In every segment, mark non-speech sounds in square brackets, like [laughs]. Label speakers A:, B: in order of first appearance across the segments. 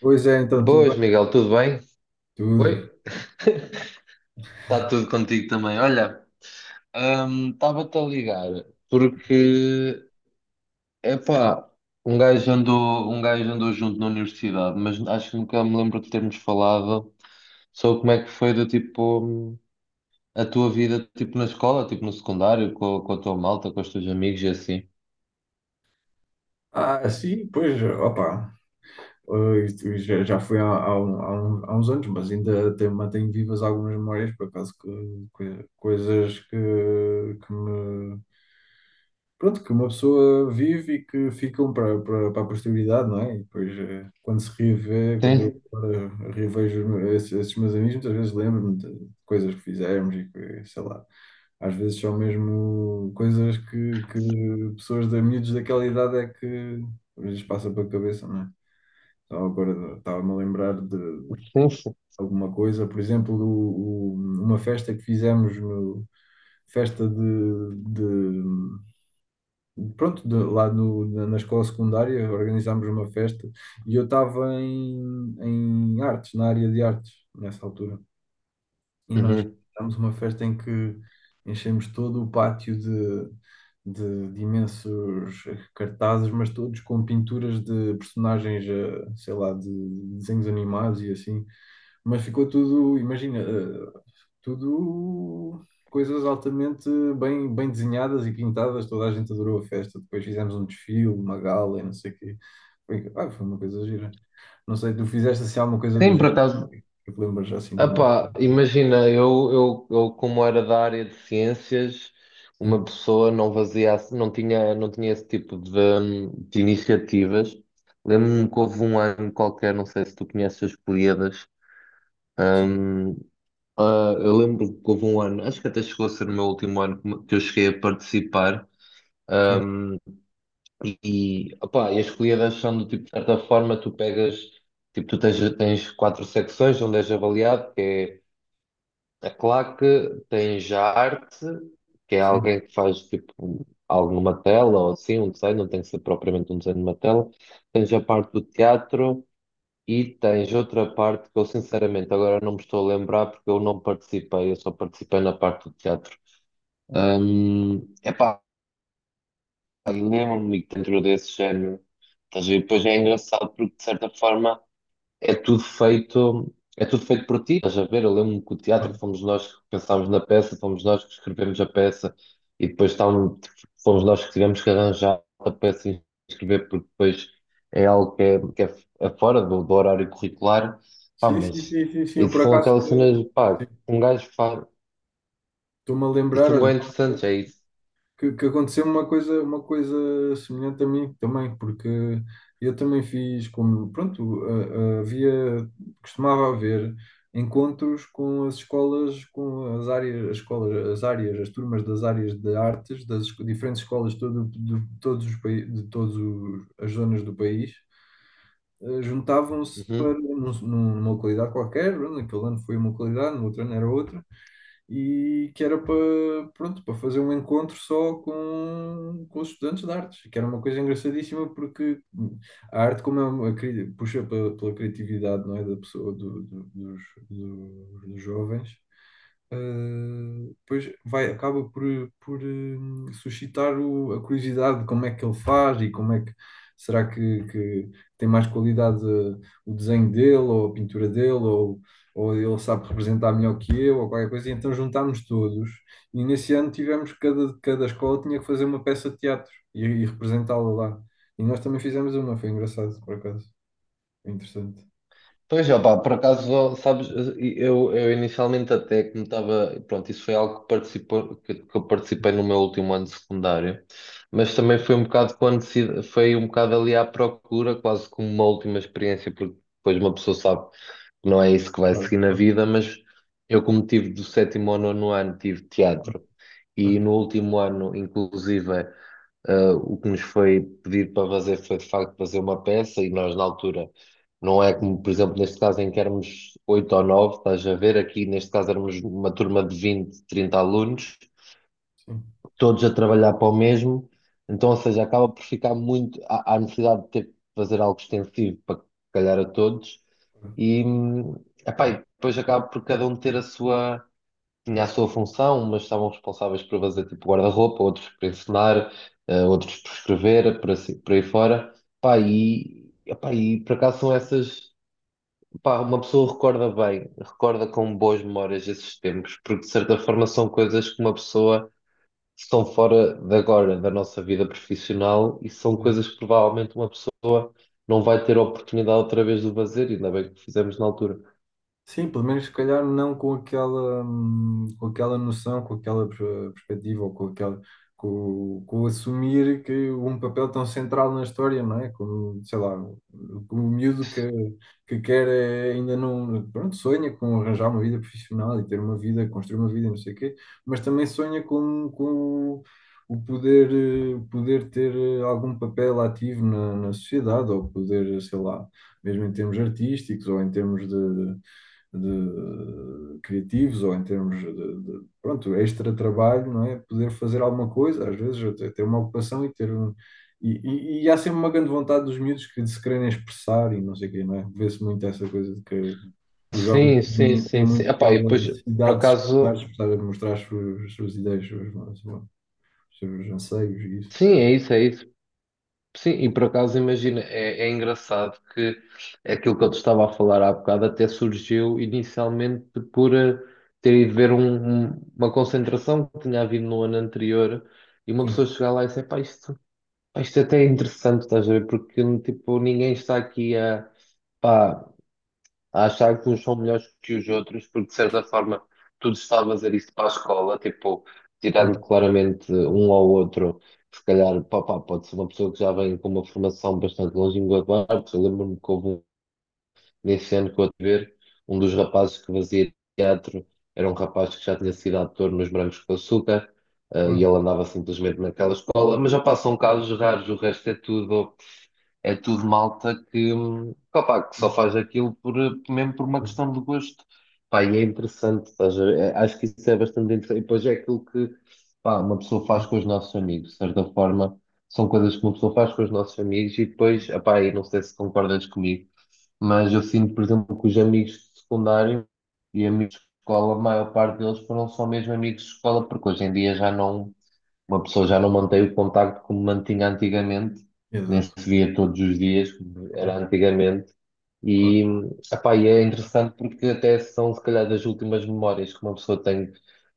A: Pois é, então, tudo
B: Boas,
A: bem?
B: Miguel, tudo bem?
A: Tudo.
B: Oi? Está tudo contigo também. Olha, estava-te a ligar porque, epá, um gajo andou, um gajo andou junto na universidade, mas acho que nunca me lembro de termos falado sobre como é que foi do tipo a tua vida tipo na escola, tipo no secundário, com a tua malta, com os teus amigos e assim.
A: Ah, sim, pois, opa, isto já foi há uns anos, mas ainda mantenho vivas algumas memórias, por acaso, coisas pronto, que uma pessoa vive e que ficam para a posteridade, não é? E depois, quando se revê, quando eu
B: Sim,
A: agora revejo esses meus amigos, muitas vezes lembro-me de coisas que fizemos e que, sei lá. Às vezes são mesmo coisas que pessoas da miúdos daquela idade é que às vezes passa pela cabeça, não é? Só agora estava-me a lembrar de
B: sim, sim.
A: alguma coisa, por exemplo, uma festa que fizemos, no, festa de, de- pronto, de- lá no- na, na escola secundária, organizámos uma festa e eu estava em artes, na área de artes, nessa altura. E nós
B: Uhum.
A: fizemos uma festa em que enchemos todo o pátio de imensos cartazes, mas todos com pinturas de personagens, sei lá, de desenhos animados e assim. Mas ficou tudo, imagina, tudo coisas altamente bem desenhadas e pintadas. Toda a gente adorou a festa. Depois fizemos um desfile, uma gala e não sei o quê. Foi, ah, foi uma coisa gira. Não sei, tu fizeste assim alguma coisa do
B: Sim, por
A: género?
B: acaso.
A: Que te lembras assim de
B: Ah
A: uma.
B: pá, imagina, eu como era da área de ciências, uma
A: Sim,
B: pessoa não tinha esse tipo de iniciativas. Lembro-me que houve um ano qualquer, não sei se tu conheces as Políadas.
A: sim.
B: hum, ah, eu lembro que houve um ano, acho que até chegou a ser o meu último ano que eu cheguei a participar.
A: Sim,
B: hum, e, opá, e as Políadas são do tipo, de certa forma, tu pegas, tipo, tens quatro secções onde és avaliado, que é a claque, tem já arte, que é
A: sim.
B: alguém que faz tipo algo numa tela ou assim, um desenho, não tem que ser propriamente um desenho numa tela. Tens a parte do teatro e tens outra parte que eu sinceramente agora não me estou a lembrar porque eu não participei, eu só participei na parte do teatro. Epá, lembro-me que dentro desse género, estás a ver? Depois é engraçado porque de certa forma é tudo feito por ti. Estás a ver? Eu lembro-me que o teatro
A: Ah,
B: fomos nós que pensámos na peça, fomos nós que escrevemos a peça e depois fomos nós que tivemos que arranjar a peça e escrever, porque depois é algo é fora do, do horário curricular. Pá,
A: sim, sim,
B: mas
A: sim, sim, sim. Eu
B: isso
A: por
B: são
A: acaso
B: aquelas cenas, pá, que
A: sim,
B: um gajo faz.
A: estou-me a
B: E
A: lembrar,
B: são
A: olha,
B: bem interessantes, é isso.
A: que aconteceu uma coisa semelhante a mim também, porque eu também fiz como, pronto, havia, costumava haver encontros com as escolas, com as áreas, as escolas, as áreas, as turmas das áreas de artes, das esco- diferentes escolas de todo, de todos os países, de todas as zonas do país. Juntavam-se para
B: Uhum.
A: numa localidade qualquer, pronto, naquele ano foi uma localidade, no outro ano era outra, e que era para, pronto, para fazer um encontro só com os estudantes de artes, que era uma coisa engraçadíssima porque a arte, como é uma, cri- puxa pela, pela criatividade, não é, da pessoa, dos jovens. Depois vai, acaba por, suscitar o- a curiosidade de como é que ele faz e como é que será que tem mais qualidade o desenho dele ou a pintura dele ou ele sabe representar melhor que eu ou qualquer coisa. E então juntámos todos e nesse ano tivemos cada escola tinha que fazer uma peça de teatro e representá-la lá. E nós também fizemos uma, foi engraçado por acaso, foi interessante.
B: Pois, opá, por acaso, sabes, eu inicialmente até que me estava, pronto, isso foi algo que participou, que eu participei no meu último ano de secundário, mas também foi um bocado quando se, foi um bocado ali à procura, quase como uma última experiência, porque depois uma pessoa sabe que não é isso que vai
A: Claro,
B: seguir na
A: claro,
B: vida, mas eu como tive do sétimo ao nono ano, tive teatro, e
A: claro,
B: no último ano, inclusive, ah, o que nos foi pedido para fazer foi, de facto, fazer uma peça e nós, na altura, não é como, por exemplo, neste caso em que éramos oito ou nove, estás a ver, aqui neste caso éramos uma turma de 20 30 alunos,
A: sim,
B: todos a trabalhar para o mesmo, então, ou seja, acaba por ficar muito, há necessidade de ter que fazer algo extensivo para calhar a todos, e, epá, e depois acaba por cada um ter a sua, tinha a sua função, mas estavam responsáveis por fazer tipo guarda-roupa, outros por ensinar, outros por escrever, por, assim, por aí fora. Epá, e por acaso são essas. Pá, uma pessoa recorda bem, recorda com boas memórias esses tempos, porque de certa forma são coisas que uma pessoa estão fora de agora, da nossa vida profissional, e são
A: claro.
B: coisas que provavelmente uma pessoa não vai ter a oportunidade outra vez de fazer, ainda bem que fizemos na altura.
A: Sim, pelo menos se calhar não com aquela, com aquela noção, com aquela per- perspectiva ou com aquela, com assumir que um papel tão central na história, não é? Como, sei lá, o miúdo que quer é, ainda não, pronto, sonha com arranjar uma vida profissional e ter uma vida, construir uma vida, e não sei o quê, mas também sonha com o poder, poder ter algum papel ativo na sociedade ou poder, sei lá, mesmo em termos artísticos ou em termos de criativos ou em termos pronto, extra trabalho, não é? Poder fazer alguma coisa, às vezes até ter uma ocupação e ter um. E há sempre uma grande vontade dos miúdos que de se quererem expressar e não sei o quê, não é? Vê-se muito essa coisa de que os jovens
B: Sim, sim,
A: têm
B: sim, sim.
A: muito
B: Epá,
A: aquela
B: e depois, por
A: necessidade de se expressar, de
B: acaso.
A: expressar, de mostrar as suas ideias, os seus anseios e isso,
B: Sim,
A: não
B: é
A: é?
B: isso, é isso. Sim, e por acaso imagina, é engraçado que é aquilo que eu te estava a falar há bocado, até surgiu inicialmente por ter ido ver uma concentração que tinha havido no ano anterior e uma pessoa
A: Sim,
B: chegar lá e dizer, pá, isto até é interessante, estás a ver? Porque tipo, ninguém está aqui a, pá, a achar que uns são melhores que os outros, porque de certa forma tu estás a fazer isto para a escola, tipo, tirando
A: claro,
B: claramente um ao outro, se calhar, pá, pode ser uma pessoa que já vem com uma formação bastante longínqua de artes. Eu lembro-me que nesse ano que eu tive ver, um dos rapazes que fazia teatro era um rapaz que já tinha sido ator nos Brancos com Açúcar. E
A: claro.
B: ele andava simplesmente naquela escola, mas já passam casos raros, o resto é tudo malta opá, que
A: Sim,
B: só faz aquilo por, mesmo por uma questão de gosto. Pá, e é interessante, estás a ver? É- acho que isso é bastante interessante. E depois é aquilo que, pá, uma pessoa
A: sim,
B: faz com os nossos amigos, de certa forma, são coisas que uma pessoa faz com os nossos amigos e depois, opá, e não sei se concordas comigo, mas eu sinto, por exemplo, que os amigos de secundário e amigos de escola, a maior parte deles foram só mesmo amigos de escola, porque hoje em dia já não uma pessoa já não mantém o contacto como mantinha antigamente, nem se
A: exato.
B: via todos os dias, como
A: É
B: era
A: muito-
B: antigamente.
A: claro.
B: E, epá, e é interessante porque até são, se calhar, das últimas memórias que uma pessoa tem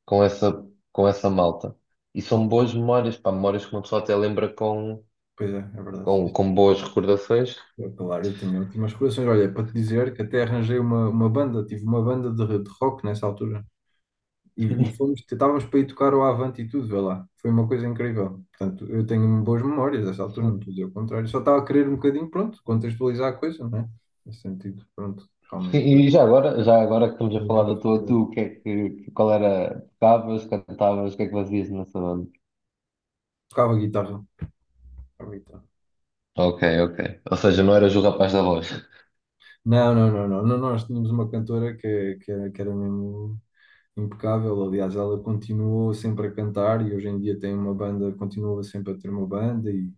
B: com essa, com essa malta. E são boas memórias, pá, memórias que uma pessoa até lembra
A: Pois é, é verdade, sim.
B: com boas recordações.
A: Eu, claro, eu tenho ótimas coleções. Olha, para te dizer que até arranjei uma banda, tive uma banda de rock nessa altura. E fomos, estávamos para ir tocar o Avante e tudo, vê lá. Foi uma coisa incrível. Portanto, eu tenho boas memórias dessa altura, não
B: Sim.
A: estou a dizer o contrário. Só estava a querer um bocadinho, pronto, contextualizar a coisa, não é? Nesse sentido, pronto, realmente.
B: E já agora que estamos a
A: Tinha
B: falar
A: justo,
B: da
A: se
B: tua,
A: calhar.
B: tu, o que é que, qual era, tocavas, cantavas, o que é que fazias nessa banda?
A: Tocava guitarra. Tocava guitarra.
B: Ok, ok. Ou seja, não eras o rapaz da voz.
A: Não, não, não, não, não. Nós tínhamos uma cantora era, que era mesmo. Impecável. Aliás, ela continuou sempre a cantar e hoje em dia tem uma banda, continua sempre a ter uma banda e,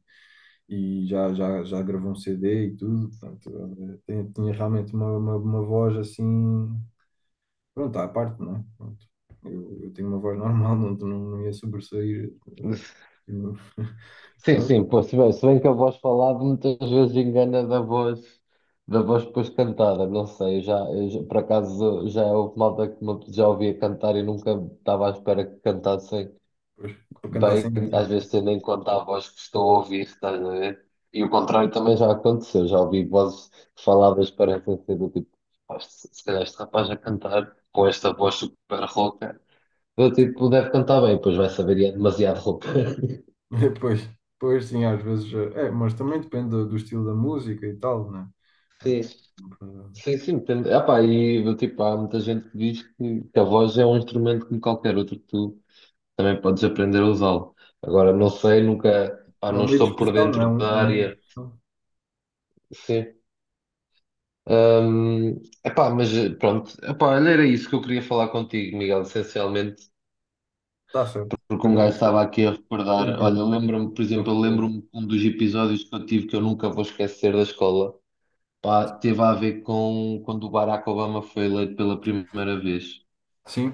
A: já gravou um CD e tudo. Portanto, ela tem- tinha realmente uma voz assim, pronto, à parte, não é? Pronto. Eu tenho uma voz normal, [laughs] não ia sobressair.
B: [laughs]
A: Não-
B: Sim,
A: pronto,
B: sim, pô, se bem, se bem que a voz falada muitas vezes engana da voz depois cantada, não sei, eu já- por acaso já é houve malta já ouvia cantar e nunca estava à espera que cantassem
A: pois, para cantar
B: bem,
A: sempre.
B: às vezes tendo em conta a voz que estou a ouvir, estás a ver? E o contrário também já aconteceu, já ouvi vozes faladas que parecem ser do tipo, "Pá, se calhar este rapaz a cantar com esta voz super rouca, do tipo, deve cantar bem, pois vai saber e é demasiado rouca." [laughs]
A: Depois, depois [laughs] sim, às vezes. É, mas também depende do estilo da música e tal, né?
B: Sim. Sim, sim, depende. Epá, e do tipo, há muita gente que diz que a voz é um instrumento como qualquer outro que tu também podes aprender a usá-lo. Agora, não sei, nunca, pá,
A: É um
B: não
A: meio de
B: estou por
A: expressão, não é?
B: dentro da
A: Um meio de
B: área.
A: expressão.
B: Sim. Epá, mas pronto, epá, olha, era isso que eu queria falar contigo, Miguel, essencialmente,
A: Está certo.
B: porque um
A: Olha,
B: gajo estava aqui a
A: foi um
B: recordar. Olha,
A: prazer
B: lembro-me, por
A: para
B: exemplo, eu
A: recordar.
B: lembro-me que um dos episódios que eu tive, que eu nunca vou esquecer da escola, pá, teve a ver com quando o Barack Obama foi eleito pela primeira vez.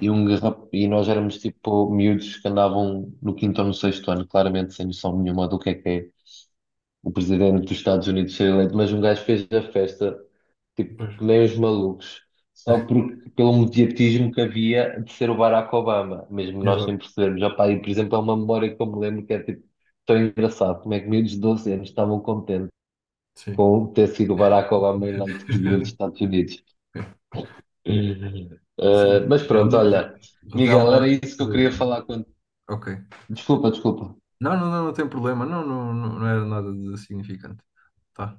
B: E, e nós éramos tipo miúdos que andavam no quinto ou no sexto ano, claramente sem noção nenhuma do que é o presidente dos Estados Unidos ser eleito, mas um gajo fez a festa, tipo,
A: pois,
B: que nem os malucos, só porque, pelo mediatismo que havia de ser o Barack Obama, mesmo nós sem
A: exato,
B: percebermos. Opá, e, por exemplo, é uma memória que eu me lembro que é tipo tão engraçado, como é que miúdos de 12 anos estavam contentes
A: sim.
B: com ter sido o Barack Obama eleito presidente dos
A: [laughs]
B: Estados Unidos. [laughs]
A: Sim,
B: Mas pronto,
A: realmente
B: olha. Miguel,
A: revela.
B: era isso que eu queria falar contigo.
A: Ok.
B: Desculpa, desculpa.
A: Não, não, não, não tem problema. Não, não, não não era nada de significante. Tá.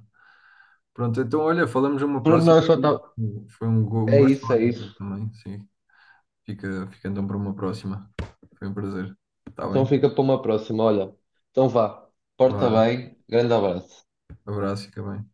A: Pronto, então olha, falamos uma
B: Pronto. Não,
A: próxima. Um
B: é
A: gosto
B: isso,
A: falar
B: é
A: contigo
B: isso.
A: também. Sim, fica então para uma próxima. Foi um prazer. Está
B: Então
A: bem?
B: fica para uma próxima, olha. Então vá.
A: Vá,
B: Porta bem. Grande abraço.
A: abraço, fica bem.